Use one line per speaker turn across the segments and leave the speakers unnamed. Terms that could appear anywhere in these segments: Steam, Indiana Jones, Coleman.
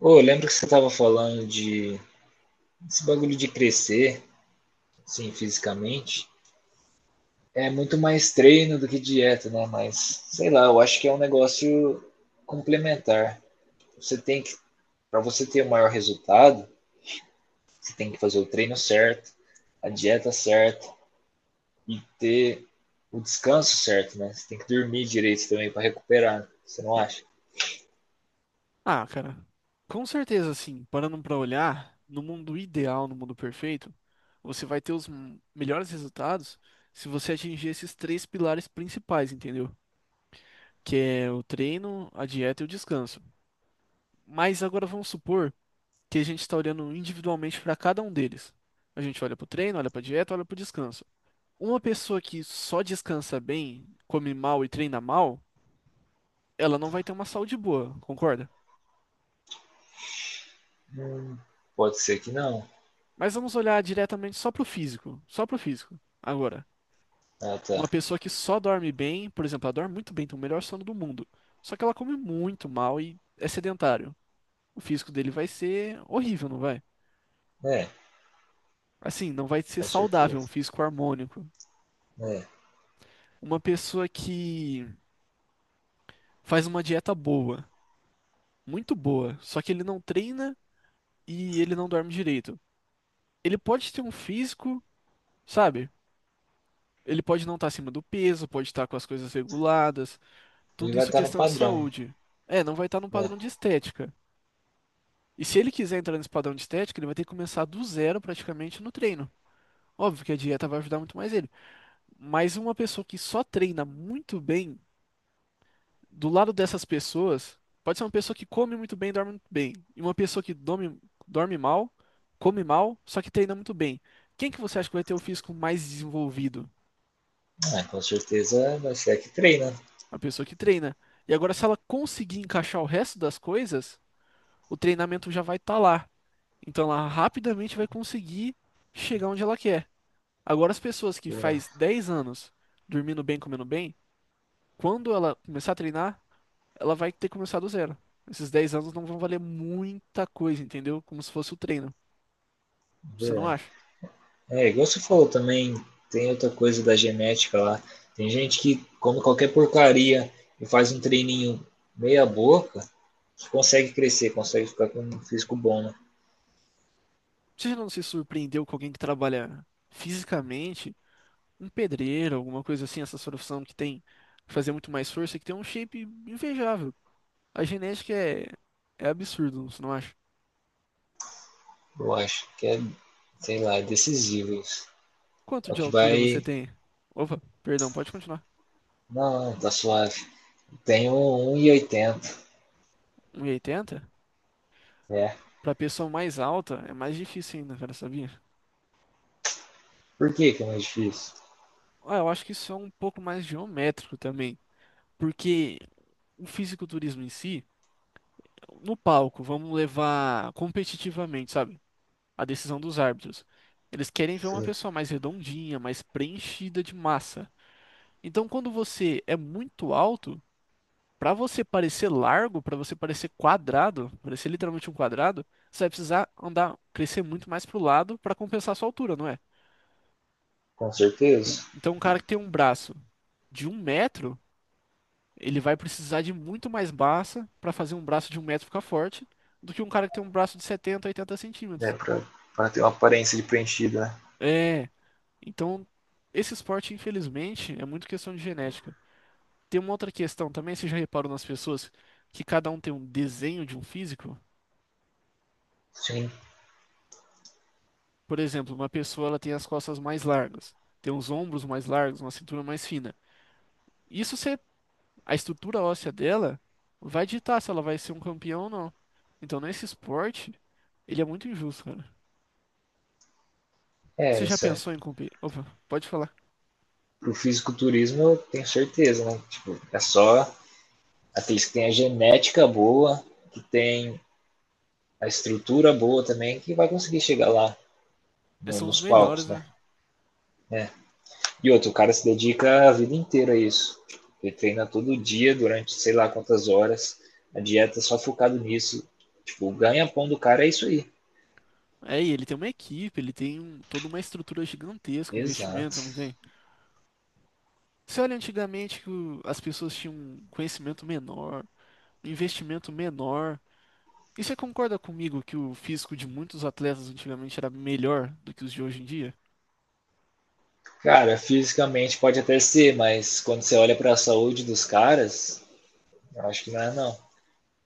Ô, lembra que você estava falando de esse bagulho de crescer, assim, fisicamente? É muito mais treino do que dieta, né? Mas, sei lá, eu acho que é um negócio complementar. Você tem que, para você ter o maior resultado, você tem que fazer o treino certo, a dieta certa e ter o descanso certo, né? Você tem que dormir direito também para recuperar, você não acha?
Ah, cara, com certeza, assim, parando pra olhar, no mundo ideal, no mundo perfeito, você vai ter os melhores resultados se você atingir esses três pilares principais, entendeu? Que é o treino, a dieta e o descanso. Mas agora vamos supor que a gente está olhando individualmente para cada um deles. A gente olha pro treino, olha pra dieta, olha pro descanso. Uma pessoa que só descansa bem, come mal e treina mal, ela não vai ter uma saúde boa, concorda?
Hum. Pode ser que não.
Mas vamos olhar diretamente só pro físico, só pro físico. Agora,
Ah, tá.
uma pessoa que só dorme bem, por exemplo, ela dorme muito bem, tem o melhor sono do mundo, só que ela come muito mal e é sedentário. O físico dele vai ser horrível, não vai?
É,
Assim, não vai ser
com
saudável, um
certeza.
físico harmônico.
É.
Uma pessoa que faz uma dieta boa, muito boa, só que ele não treina e ele não dorme direito. Ele pode ter um físico, sabe? Ele pode não estar acima do peso, pode estar com as coisas reguladas,
Ele
tudo
vai
isso
estar no
questão de
padrão,
saúde. É, não vai estar num
né?
padrão de estética. E se ele quiser entrar nesse padrão de estética, ele vai ter que começar do zero praticamente no treino. Óbvio que a dieta vai ajudar muito mais ele. Mas uma pessoa que só treina muito bem, do lado dessas pessoas, pode ser uma pessoa que come muito bem, e dorme muito bem. E uma pessoa que dorme mal, come mal, só que treina muito bem. Quem que você acha que vai ter o físico mais desenvolvido?
Ah, com certeza vai ser a que treina.
A pessoa que treina. E agora, se ela conseguir encaixar o resto das coisas, o treinamento já vai estar lá. Então ela rapidamente vai conseguir chegar onde ela quer. Agora, as pessoas que faz 10 anos dormindo bem, comendo bem, quando ela começar a treinar, ela vai ter que começar do zero. Esses 10 anos não vão valer muita coisa, entendeu? Como se fosse o treino. Você não acha?
É, igual você falou também, tem outra coisa da genética lá. Tem gente que come qualquer porcaria e faz um treininho meia boca, consegue crescer, consegue ficar com um físico bom, né?
Você já não se surpreendeu com alguém que trabalha fisicamente, um pedreiro, alguma coisa assim, essa profissão que tem que fazer muito mais força, e que tem um shape invejável. A genética é, é absurdo, você não acha?
Eu acho que é, sei lá, é decisivo isso.
Quanto
É o
de
que
altura você
vai.
tem? Opa, perdão, pode continuar.
Não, tá suave. Tenho um e oitenta.
Um 1,80?
É.
Pra pessoa mais alta é mais difícil ainda, cara, sabia?
Por que que é mais difícil?
Ah, eu acho que isso é um pouco mais geométrico também, porque o fisiculturismo em si, no palco, vamos levar competitivamente, sabe? A decisão dos árbitros. Eles querem ver uma
Sim.
pessoa mais redondinha, mais preenchida de massa. Então, quando você é muito alto, para você parecer largo, para você parecer quadrado, parecer literalmente um quadrado, você vai precisar andar, crescer muito mais pro lado para compensar a sua altura, não é?
Com certeza.
Então, um cara que tem um braço de 1 metro, ele vai precisar de muito mais massa para fazer um braço de um metro ficar forte do que um cara que tem um braço de 70, 80
É,
centímetros.
pra ter uma aparência de preenchida, né?
É, então, esse esporte, infelizmente, é muito questão de genética. Tem uma outra questão também, você já reparou nas pessoas que cada um tem um desenho de um físico?
Sim.
Por exemplo, uma pessoa ela tem as costas mais largas, tem os ombros mais largos, uma cintura mais fina. Isso se a estrutura óssea dela vai ditar se ela vai ser um campeão ou não. Então, nesse esporte, ele é muito injusto, cara.
É,
Você já
isso é.
pensou em competir? Opa, pode falar.
Pro fisiculturismo eu tenho certeza, né? Tipo, é só aqueles que tem a genética boa, que tem a estrutura boa também, que vai conseguir chegar lá
Esses são os
nos palcos,
melhores,
né?
né?
É. E outro, o cara se dedica a vida inteira a isso. Ele treina todo dia, durante sei lá quantas horas, a dieta é só focado nisso. Tipo, o ganha-pão do cara é isso aí.
É, e ele tem uma equipe, ele tem toda uma estrutura gigantesca, um
Exato.
investimento, não tem? Você olha antigamente que as pessoas tinham um conhecimento menor, um investimento menor. E você concorda comigo que o físico de muitos atletas antigamente era melhor do que os de hoje em dia?
Cara, fisicamente pode até ser, mas quando você olha pra saúde dos caras, eu acho que não é não.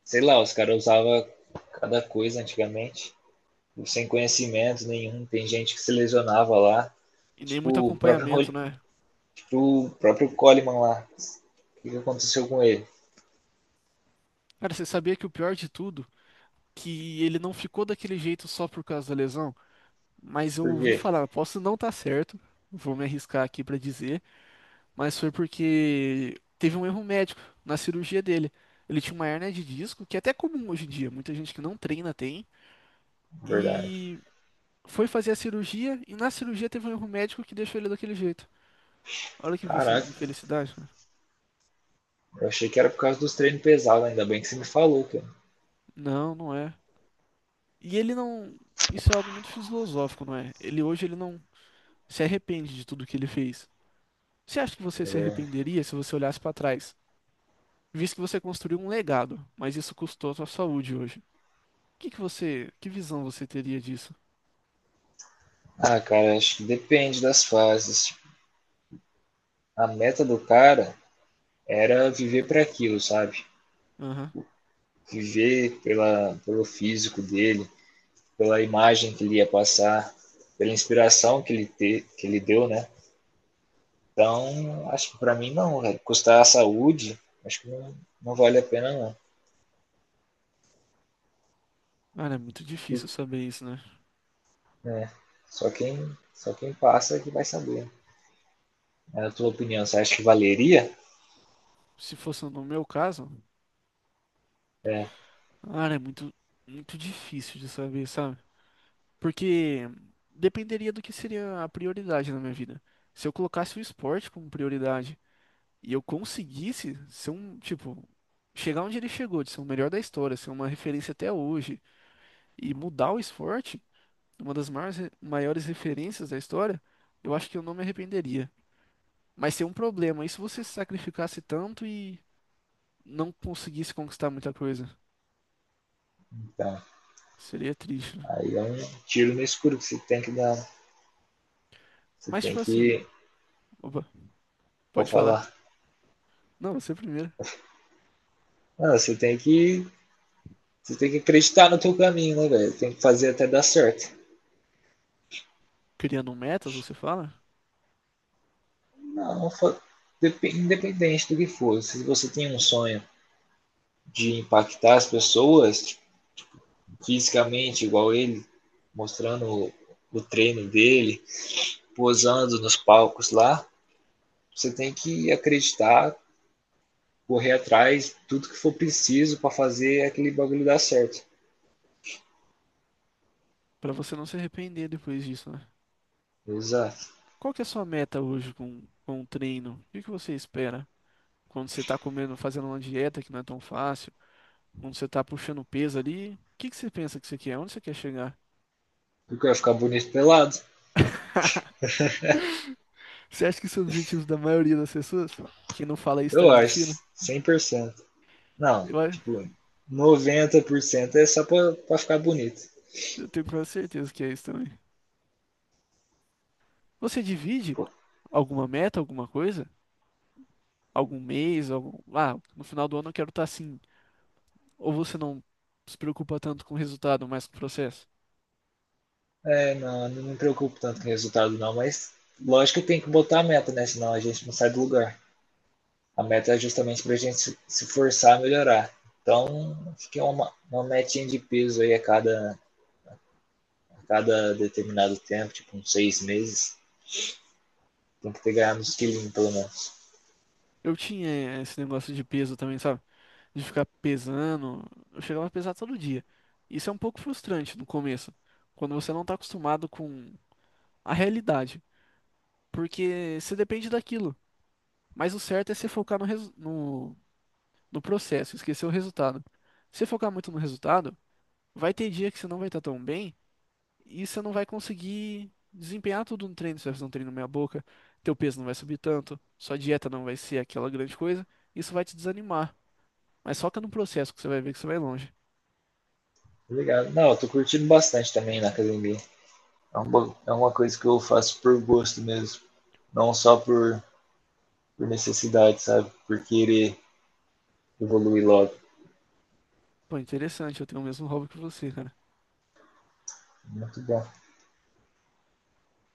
Sei lá, os caras usavam cada coisa antigamente, sem conhecimento nenhum. Tem gente que se lesionava lá.
E nem muito
Tipo, o
acompanhamento,
próprio,
né?
tipo, o próprio Coleman lá. O que, que aconteceu com ele?
Cara, você sabia que o pior de tudo, que ele não ficou daquele jeito só por causa da lesão? Mas eu
Por
ouvi
quê?
falar, posso não estar certo, vou me arriscar aqui pra dizer, mas foi porque teve um erro médico na cirurgia dele. Ele tinha uma hérnia de disco, que é até comum hoje em dia, muita gente que não treina tem,
Verdade.
e foi fazer a cirurgia, e na cirurgia teve um erro médico que deixou ele daquele jeito. Olha que
Caraca,
infelicidade, cara.
eu achei que era por causa dos treinos pesados, ainda bem que você me falou, cara.
Não, não é. E ele não. Isso é algo muito filosófico, não é? Ele hoje ele não se arrepende de tudo que ele fez. Você acha que você se
É.
arrependeria se você olhasse pra trás, visto que você construiu um legado, mas isso custou a sua saúde hoje? Que você, que visão você teria disso?
Ah, cara, acho que depende das fases. A meta do cara era viver para aquilo, sabe?
Aham.
Viver pelo físico dele, pela imagem que ele ia passar, pela inspiração que ele, que ele deu, né? Então, acho que para mim não, velho. Custar a saúde, acho que não, não vale a pena não.
Cara, é muito difícil saber isso, né?
Né? Só quem só quem passa é que vai saber. Na tua opinião, você acha que valeria?
Se fosse no meu caso,
É,
cara, é muito, muito difícil de saber, sabe? Porque dependeria do que seria a prioridade na minha vida. Se eu colocasse o esporte como prioridade e eu conseguisse ser um, tipo, chegar onde ele chegou, de ser o melhor da história, ser uma referência até hoje e mudar o esporte, uma das maiores, maiores referências da história, eu acho que eu não me arrependeria. Mas seria um problema, e se você se sacrificasse tanto e não conseguisse conquistar muita coisa?
então,
Seria triste, né?
aí é um tiro no escuro que você tem que dar. Você
Mas,
tem
tipo assim,
que,
opa,
vou
pode falar.
falar,
Não, você é primeiro.
não, você tem que acreditar no teu caminho, né, velho? Tem que fazer até dar certo.
Criando metas, você fala?
Não, não independente do que for, se você tem um sonho de impactar as pessoas tipo, fisicamente, igual ele, mostrando o treino dele, posando nos palcos lá. Você tem que acreditar, correr atrás, tudo que for preciso para fazer aquele bagulho dar certo.
Pra você não se arrepender depois disso, né?
Exato.
Qual que é a sua meta hoje com o treino? O que que você espera? Quando você tá comendo, fazendo uma dieta que não é tão fácil, quando você tá puxando peso ali, o que que você pensa que você quer? Onde você quer chegar?
Porque vai ficar bonito pelado?
Você acha que isso é o objetivo da maioria das pessoas? Quem não fala isso tá
Eu acho,
mentindo?
100%. Não,
Eu, a-
tipo, 90% é só pra ficar bonito.
eu tenho quase certeza que é isso também. Você divide
Pô,
alguma meta, alguma coisa? Algum mês, algum... Ah, no final do ano eu quero estar assim. Ou você não se preocupa tanto com o resultado, mas com o processo?
é, não, não me preocupo tanto com o resultado não, mas lógico que tem que botar a meta, né? Senão a gente não sai do lugar. A meta é justamente para a gente se forçar a melhorar. Então, acho que é uma metinha de peso aí a cada determinado tempo, tipo uns 6 meses. Tem que ter ganhado uns quilinhos, pelo menos.
Eu tinha esse negócio de peso também, sabe? De ficar pesando. Eu chegava a pesar todo dia. Isso é um pouco frustrante no começo, quando você não tá acostumado com a realidade, porque você depende daquilo. Mas o certo é você focar no processo, esquecer o resultado. Se você focar muito no resultado, vai ter dia que você não vai estar tão bem e você não vai conseguir desempenhar tudo no treino. Você vai fazer um treino meia boca, teu peso não vai subir tanto, sua dieta não vai ser aquela grande coisa. Isso vai te desanimar. Mas foca no processo que você vai ver que você vai longe.
Obrigado. Não, eu tô curtindo bastante também na academia. É uma coisa que eu faço por gosto mesmo. Não só por necessidade, sabe? Por querer evoluir logo.
Pô, interessante, eu tenho o mesmo hobby que você, cara.
Muito bom.